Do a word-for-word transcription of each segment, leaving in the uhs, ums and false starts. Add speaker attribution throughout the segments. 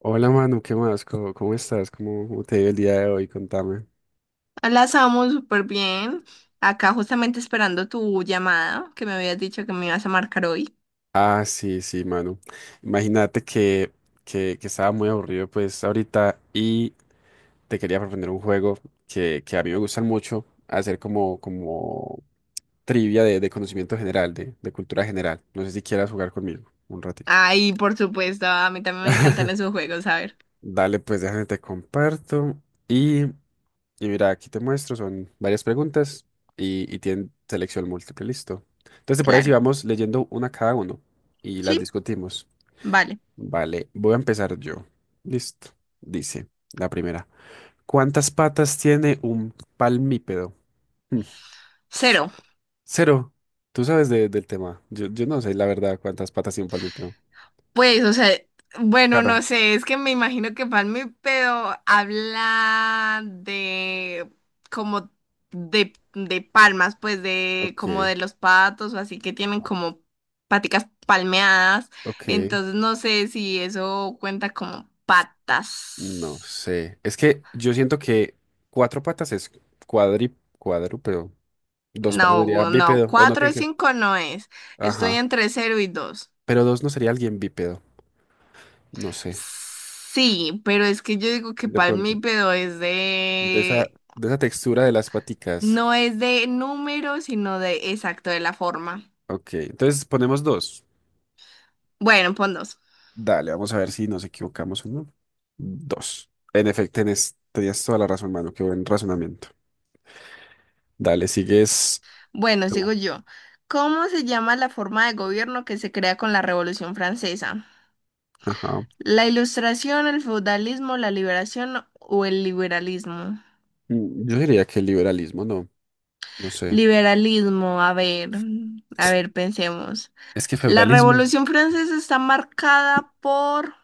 Speaker 1: Hola Manu, ¿qué más? ¿Cómo, cómo estás? ¿Cómo, cómo te ha ido el día de hoy? Contame.
Speaker 2: Las amo súper bien. Acá justamente esperando tu llamada, que me habías dicho que me ibas a marcar hoy.
Speaker 1: Ah, sí, sí, Manu. Imagínate que, que, que estaba muy aburrido pues ahorita y te quería proponer un juego que, que a mí me gustan mucho, hacer como, como trivia de, de conocimiento general, de, de cultura general. No sé si quieras jugar conmigo un ratito.
Speaker 2: Ay, por supuesto, a mí también me encantan esos juegos, a ver.
Speaker 1: Dale, pues déjame te comparto. Y mira, aquí te muestro, son varias preguntas y, y tienen selección múltiple, listo. Entonces, ¿te parece si
Speaker 2: Claro.
Speaker 1: vamos leyendo una cada uno y las
Speaker 2: Sí,
Speaker 1: discutimos?
Speaker 2: vale.
Speaker 1: Vale, voy a empezar yo. Listo. Dice la primera. ¿Cuántas patas tiene un palmípedo? Hmm.
Speaker 2: Cero.
Speaker 1: Cero. Tú sabes de- del tema. Yo, yo no sé, la verdad, cuántas patas tiene un palmípedo.
Speaker 2: Pues, o sea, bueno, no
Speaker 1: Claro.
Speaker 2: sé, es que me imagino que Palme pero habla de como de, de palmas, pues de
Speaker 1: Ok,
Speaker 2: como de los patos o así que tienen como paticas palmeadas,
Speaker 1: ok.
Speaker 2: entonces no sé si eso cuenta como
Speaker 1: No
Speaker 2: patas.
Speaker 1: sé. Es que yo siento que cuatro patas es cuadri, cuadrúpedo. Dos patas sería
Speaker 2: No, no,
Speaker 1: bípedo, o no
Speaker 2: cuatro o
Speaker 1: tiene que.
Speaker 2: cinco no es. Estoy
Speaker 1: Ajá.
Speaker 2: entre cero y dos.
Speaker 1: Pero dos no sería alguien bípedo. No sé.
Speaker 2: Sí, pero es que yo digo que
Speaker 1: De pronto.
Speaker 2: palmípedo es
Speaker 1: De esa,
Speaker 2: de
Speaker 1: de esa textura de las paticas.
Speaker 2: no es de número, sino de exacto, de la forma.
Speaker 1: Ok. Entonces ponemos dos.
Speaker 2: Bueno, pon dos.
Speaker 1: Dale, vamos a ver si nos equivocamos o no. Dos. En efecto, tenés- tenías toda la razón, mano. Qué buen razonamiento. Dale, sigues
Speaker 2: Bueno,
Speaker 1: tú.
Speaker 2: sigo yo. ¿Cómo se llama la forma de gobierno que se crea con la Revolución Francesa?
Speaker 1: Ajá.
Speaker 2: ¿La Ilustración, el feudalismo, la liberación o el liberalismo?
Speaker 1: Mm, Yo diría que el liberalismo, no. No sé.
Speaker 2: Liberalismo, a ver, a ver, pensemos.
Speaker 1: Es que
Speaker 2: La
Speaker 1: feudalismo.
Speaker 2: Revolución Francesa está marcada por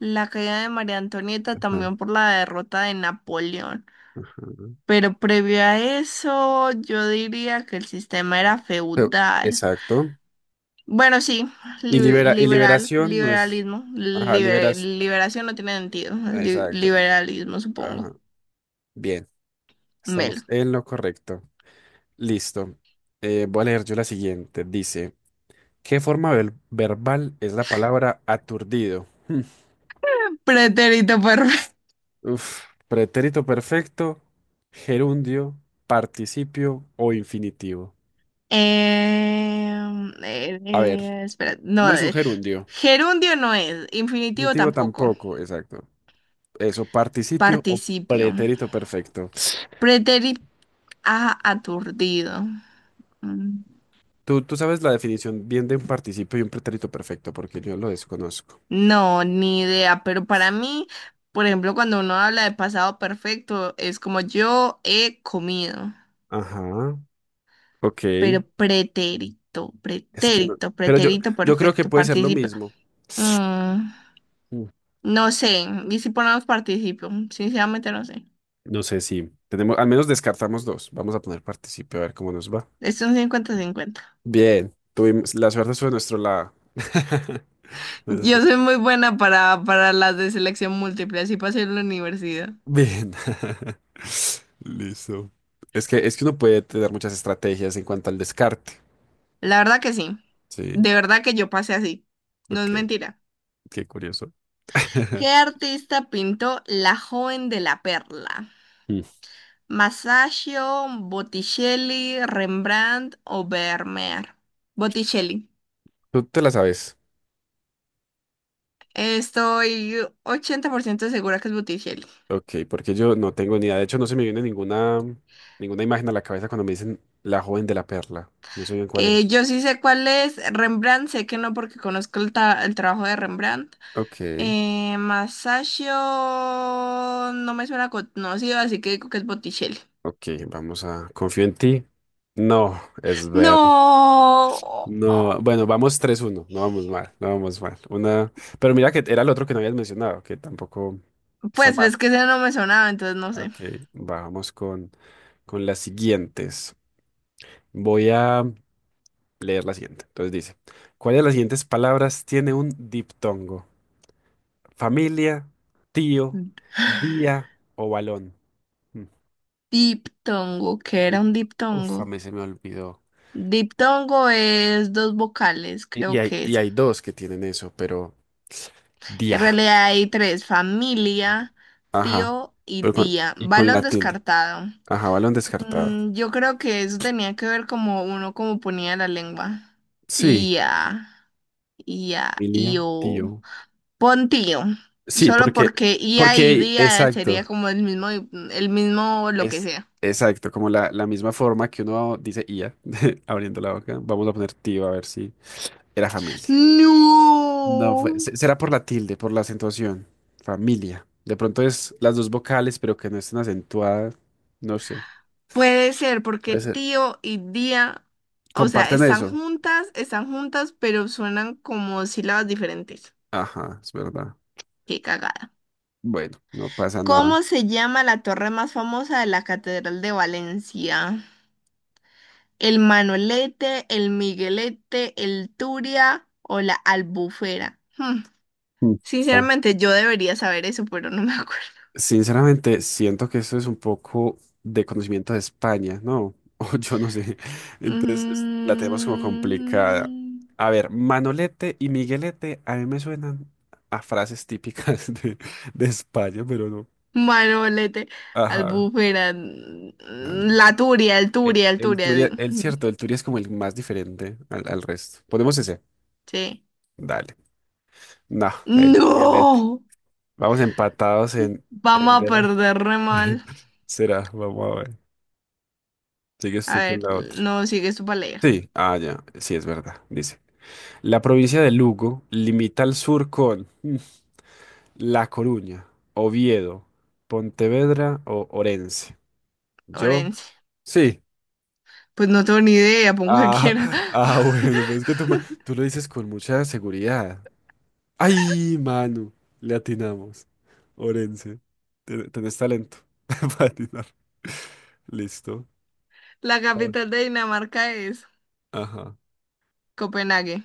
Speaker 2: la caída de María Antonieta,
Speaker 1: Ajá,
Speaker 2: también por la derrota de Napoleón.
Speaker 1: ajá.
Speaker 2: Pero previo a eso, yo diría que el sistema era
Speaker 1: Feu-
Speaker 2: feudal.
Speaker 1: Exacto.
Speaker 2: Bueno, sí,
Speaker 1: Y
Speaker 2: li-
Speaker 1: libera, y
Speaker 2: liberal,
Speaker 1: liberación no es.
Speaker 2: liberalismo,
Speaker 1: Ajá,
Speaker 2: libe-
Speaker 1: liberas.
Speaker 2: liberación no tiene sentido, li-
Speaker 1: Exacto.
Speaker 2: liberalismo supongo.
Speaker 1: Ajá. Bien,
Speaker 2: Melo.
Speaker 1: estamos en lo correcto. Listo. Eh, voy a leer yo la siguiente. Dice, ¿qué forma vel- verbal es la palabra aturdido? Hmm.
Speaker 2: Pretérito perfecto.
Speaker 1: Uf, pretérito perfecto, gerundio, participio o infinitivo.
Speaker 2: Em, eh,
Speaker 1: A ver,
Speaker 2: eh, espera,
Speaker 1: no
Speaker 2: no,
Speaker 1: es un
Speaker 2: eh,
Speaker 1: gerundio.
Speaker 2: gerundio no es, infinitivo
Speaker 1: Infinitivo
Speaker 2: tampoco,
Speaker 1: tampoco, exacto. Eso, participio o
Speaker 2: participio.
Speaker 1: pretérito perfecto.
Speaker 2: Pretérito aturdido. Mm.
Speaker 1: Tú, tú sabes la definición bien de un participio y un pretérito perfecto, porque yo lo desconozco.
Speaker 2: No, ni idea, pero para mí, por ejemplo, cuando uno habla de pasado perfecto, es como yo he comido,
Speaker 1: Ajá. Ok.
Speaker 2: pero pretérito,
Speaker 1: Es que no.
Speaker 2: pretérito,
Speaker 1: Pero yo,
Speaker 2: pretérito
Speaker 1: yo creo que
Speaker 2: perfecto,
Speaker 1: puede ser lo
Speaker 2: participio.
Speaker 1: mismo.
Speaker 2: mm,
Speaker 1: Mm.
Speaker 2: no sé, y si ponemos participio, sinceramente no sé.
Speaker 1: No sé si tenemos, al menos descartamos dos. Vamos a poner partícipe a ver cómo nos va.
Speaker 2: Es un cincuenta-cincuenta.
Speaker 1: Bien, tuvimos, la suerte fue de nuestro lado. Menos
Speaker 2: Yo
Speaker 1: mal.
Speaker 2: soy muy buena para, para las de selección múltiple, así pasé en la universidad.
Speaker 1: Bien. Listo. Es que, es que uno puede tener muchas estrategias en cuanto al descarte.
Speaker 2: La verdad que sí,
Speaker 1: Sí.
Speaker 2: de verdad que yo pasé así, no es
Speaker 1: Ok,
Speaker 2: mentira.
Speaker 1: qué curioso.
Speaker 2: ¿Qué artista pintó La joven de la perla?
Speaker 1: Mm.
Speaker 2: ¿Masaccio, Botticelli, Rembrandt o Vermeer? Botticelli.
Speaker 1: Tú te la sabes.
Speaker 2: Estoy ochenta por ciento segura que es Botticelli.
Speaker 1: Ok, porque yo no tengo ni idea. De hecho, no se me viene ninguna, ninguna imagen a la cabeza cuando me dicen la joven de la perla. No sé bien cuál
Speaker 2: Eh,
Speaker 1: es.
Speaker 2: yo sí sé cuál es. Rembrandt, sé que no porque conozco el, ta- el trabajo de Rembrandt.
Speaker 1: Ok,
Speaker 2: Eh, Masaccio no me suena conocido, así que digo que es Botticelli.
Speaker 1: ok, vamos a... Confío en ti. No, es ver.
Speaker 2: No,
Speaker 1: No, bueno, vamos tres uno. No vamos mal, no vamos mal. Una... Pero mira que era el otro que no habías mencionado, que tampoco está
Speaker 2: pues
Speaker 1: mal.
Speaker 2: ves que ese no me sonaba, entonces no sé.
Speaker 1: Ok, vamos con, con las siguientes. Voy a leer la siguiente. Entonces dice, ¿cuál de las siguientes palabras tiene un diptongo? Familia, tío, día o balón. Mm,
Speaker 2: Diptongo, ¿qué era
Speaker 1: di-
Speaker 2: un
Speaker 1: Uf, a
Speaker 2: diptongo?
Speaker 1: mí se me olvidó.
Speaker 2: Diptongo es dos vocales,
Speaker 1: Y y
Speaker 2: creo
Speaker 1: hay,
Speaker 2: que
Speaker 1: y
Speaker 2: es.
Speaker 1: hay dos que tienen eso, pero
Speaker 2: En
Speaker 1: día.
Speaker 2: realidad hay tres, familia,
Speaker 1: Ajá.
Speaker 2: tío y
Speaker 1: Pero con,
Speaker 2: día.
Speaker 1: y con la
Speaker 2: Balón
Speaker 1: tilde.
Speaker 2: descartado.
Speaker 1: Ajá, balón descartado.
Speaker 2: Mm, yo creo que eso tenía que ver como uno como ponía la lengua.
Speaker 1: Sí.
Speaker 2: Ia, ia,
Speaker 1: Familia,
Speaker 2: io.
Speaker 1: tío.
Speaker 2: Pontío.
Speaker 1: Sí,
Speaker 2: Solo
Speaker 1: porque,
Speaker 2: porque ia y
Speaker 1: porque,
Speaker 2: día sería
Speaker 1: exacto.
Speaker 2: como el mismo, el mismo lo que
Speaker 1: Es
Speaker 2: sea.
Speaker 1: exacto, como la, la misma forma que uno dice IA, abriendo la boca. Vamos a poner tío a ver si era familia. No, fue-
Speaker 2: No.
Speaker 1: se- será por la tilde, por la acentuación. Familia. De pronto es las dos vocales, pero que no estén acentuadas. No sé.
Speaker 2: Puede ser porque
Speaker 1: Puede ser.
Speaker 2: tío y día, o sea,
Speaker 1: Comparten
Speaker 2: están
Speaker 1: eso.
Speaker 2: juntas, están juntas, pero suenan como sílabas diferentes.
Speaker 1: Ajá, es verdad.
Speaker 2: Qué cagada.
Speaker 1: Bueno, no pasa nada.
Speaker 2: ¿Cómo se llama la torre más famosa de la Catedral de Valencia? ¿El Manolete, el Miguelete, el Turia o la Albufera? Hmm.
Speaker 1: Mm, está-
Speaker 2: Sinceramente, yo debería saber eso, pero no me acuerdo.
Speaker 1: Sinceramente, siento que esto es un poco de conocimiento de España, ¿no? O yo no sé. Entonces, la tenemos como complicada.
Speaker 2: Mm,
Speaker 1: A ver, Manolete y Miguelete a mí me suenan a frases típicas de, de España, pero no.
Speaker 2: Manolete,
Speaker 1: Ajá.
Speaker 2: albúfera, mm, la turia, el
Speaker 1: El,
Speaker 2: turia, el
Speaker 1: el
Speaker 2: turia. di-
Speaker 1: Turia, el cierto, el Turia es como el más diferente al, al resto. Ponemos ese.
Speaker 2: Sí.
Speaker 1: Dale. No, el Miguelete.
Speaker 2: ¡No!
Speaker 1: Vamos empatados en,
Speaker 2: Vamos
Speaker 1: en
Speaker 2: a
Speaker 1: delante.
Speaker 2: perder re mal.
Speaker 1: Será, vamos a ver. Sigues
Speaker 2: A
Speaker 1: tú con
Speaker 2: ver,
Speaker 1: la otra.
Speaker 2: no, sigue su leer.
Speaker 1: Sí, ah, ya, sí es verdad, dice. La provincia de Lugo limita al sur con mm, La Coruña, Oviedo, Pontevedra o Orense. Yo,
Speaker 2: Orense.
Speaker 1: sí.
Speaker 2: Pues no tengo ni idea, pon cualquiera.
Speaker 1: Ah, ah, bueno, pero es que tú, me- tú lo dices con mucha seguridad. ¡Ay, mano! Le atinamos. Orense. Te- Tenés talento para atinar. Listo.
Speaker 2: La
Speaker 1: A ver.
Speaker 2: capital de Dinamarca es
Speaker 1: Ajá.
Speaker 2: Copenhague.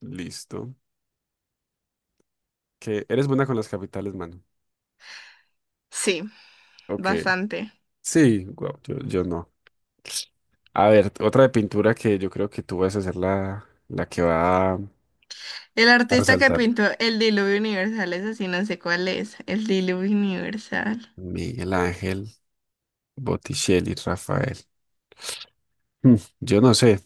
Speaker 1: Listo. Que eres buena con las capitales, mano.
Speaker 2: Sí,
Speaker 1: Ok.
Speaker 2: bastante.
Speaker 1: Sí, guau, yo, yo no. A ver, otra de pintura que yo creo que tú vas a ser la, la que va a
Speaker 2: El
Speaker 1: a
Speaker 2: artista que
Speaker 1: resaltar.
Speaker 2: pintó el diluvio universal es así, no sé cuál es. El diluvio universal.
Speaker 1: Miguel Ángel, Botticelli, Rafael. Mm, Yo no sé.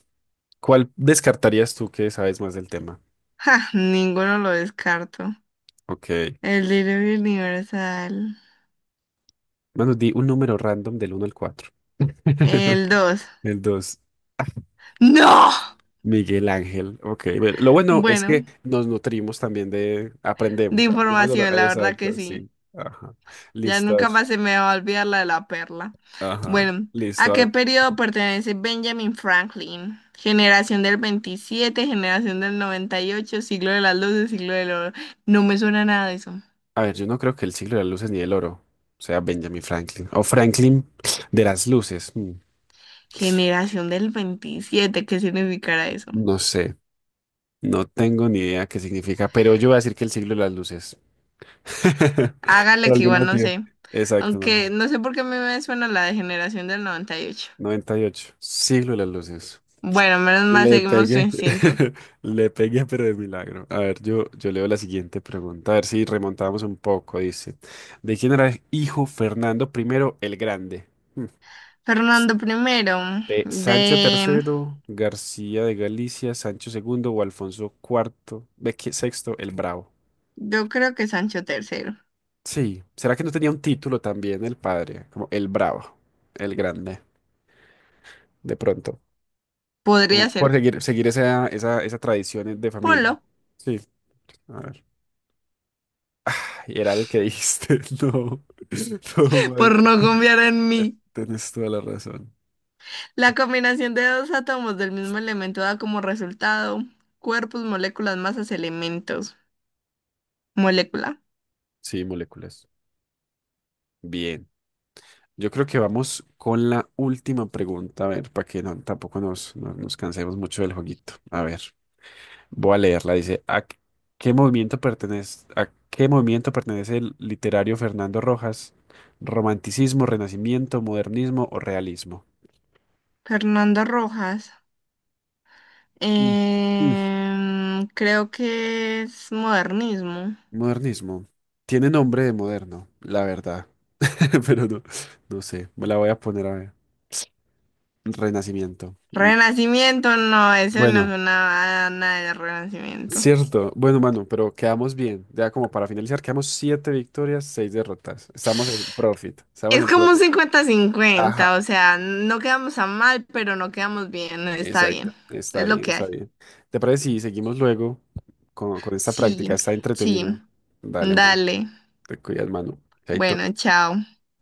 Speaker 1: ¿Cuál descartarías tú que sabes más del tema?
Speaker 2: Ja, ninguno lo descarto.
Speaker 1: Ok.
Speaker 2: El Diluvio Universal.
Speaker 1: Bueno, di un número random del uno al cuatro.
Speaker 2: El dos.
Speaker 1: El dos.
Speaker 2: ¡No!
Speaker 1: Miguel Ángel. Ok, bueno, lo bueno es
Speaker 2: Bueno,
Speaker 1: que nos nutrimos también de,
Speaker 2: de
Speaker 1: aprendemos, aprendemos de lo-
Speaker 2: información, la verdad que
Speaker 1: exacto,
Speaker 2: sí.
Speaker 1: sí. Ajá.
Speaker 2: Ya
Speaker 1: Listo, a ver.
Speaker 2: nunca más se me va a olvidar la de la perla.
Speaker 1: Ajá.
Speaker 2: Bueno,
Speaker 1: Listo,
Speaker 2: ¿a
Speaker 1: a
Speaker 2: qué
Speaker 1: ver.
Speaker 2: periodo pertenece Benjamin Franklin? Generación del veintisiete, generación del noventa y ocho, siglo de las luces, siglo del oro. No me suena nada de eso.
Speaker 1: A ver, yo no creo que el siglo de las luces ni el oro sea Benjamin Franklin. O Franklin de las luces. mm,
Speaker 2: Generación del veintisiete. ¿Qué significará eso?
Speaker 1: No sé, no tengo ni idea qué significa, pero yo voy a decir que el siglo de las luces.
Speaker 2: Hágale
Speaker 1: Por
Speaker 2: que
Speaker 1: algún
Speaker 2: igual no
Speaker 1: motivo.
Speaker 2: sé.
Speaker 1: Exacto, no.
Speaker 2: Aunque no sé por qué a mí me suena la de generación del noventa y ocho.
Speaker 1: Noventa y ocho. Siglo de las luces.
Speaker 2: Bueno, menos mal
Speaker 1: Le
Speaker 2: seguimos su
Speaker 1: pegué,
Speaker 2: instinto.
Speaker 1: le pegué, pero de milagro. A ver, yo, yo leo la siguiente pregunta, a ver si remontamos un poco. Dice, ¿de quién era hijo Fernando primero el Grande? Hmm.
Speaker 2: Fernando primero,
Speaker 1: ¿De Sancho
Speaker 2: de...
Speaker 1: tercero García de Galicia, Sancho segundo o Alfonso cuarto, ve que- seis, el Bravo?
Speaker 2: Yo creo que Sancho tercero.
Speaker 1: Sí, ¿será que no tenía un título también el padre? Como el Bravo, el Grande, de pronto. Como
Speaker 2: Podría ser.
Speaker 1: por seguir, seguir esa, esa, esa tradición de familia.
Speaker 2: Ponlo,
Speaker 1: Sí, a ver. Ay, era el que dijiste, no, todo mal.
Speaker 2: por no confiar en mí.
Speaker 1: Tienes toda la razón.
Speaker 2: La combinación de dos átomos del mismo elemento da como resultado cuerpos, moléculas, masas, elementos. Molécula.
Speaker 1: Sí, moléculas. Bien. Yo creo que vamos con la última pregunta, a ver, para que no, tampoco nos, no- nos cansemos mucho del jueguito. A ver, voy a leerla. Dice, ¿a qué qué movimiento pertenece, ¿a qué movimiento pertenece el literario Fernando Rojas? ¿Romanticismo, renacimiento, modernismo o realismo?
Speaker 2: Fernando Rojas.
Speaker 1: Mm. Mm,
Speaker 2: Em, creo que es modernismo.
Speaker 1: Modernismo. Tiene nombre de moderno, la verdad. Pero no, no sé, me la voy a poner a ver. Renacimiento. Mm,
Speaker 2: Renacimiento, no, eso no es
Speaker 1: Bueno,
Speaker 2: una nada de renacimiento.
Speaker 1: cierto. Bueno, mano, pero quedamos bien. Ya como para finalizar, quedamos siete victorias, seis derrotas. Estamos en profit, estamos
Speaker 2: Es
Speaker 1: en
Speaker 2: como un
Speaker 1: profit. Ajá,
Speaker 2: cincuenta-cincuenta, o sea, no quedamos a mal, pero no quedamos bien, está
Speaker 1: exacto.
Speaker 2: bien,
Speaker 1: Está
Speaker 2: es lo
Speaker 1: bien,
Speaker 2: que
Speaker 1: está
Speaker 2: hay.
Speaker 1: bien. ¿Te parece si seguimos luego con, con esta práctica?
Speaker 2: Sí,
Speaker 1: Está
Speaker 2: sí,
Speaker 1: entretenido. Dale, mano.
Speaker 2: dale,
Speaker 1: Te cuidas, mano. Chaito.
Speaker 2: bueno, chao.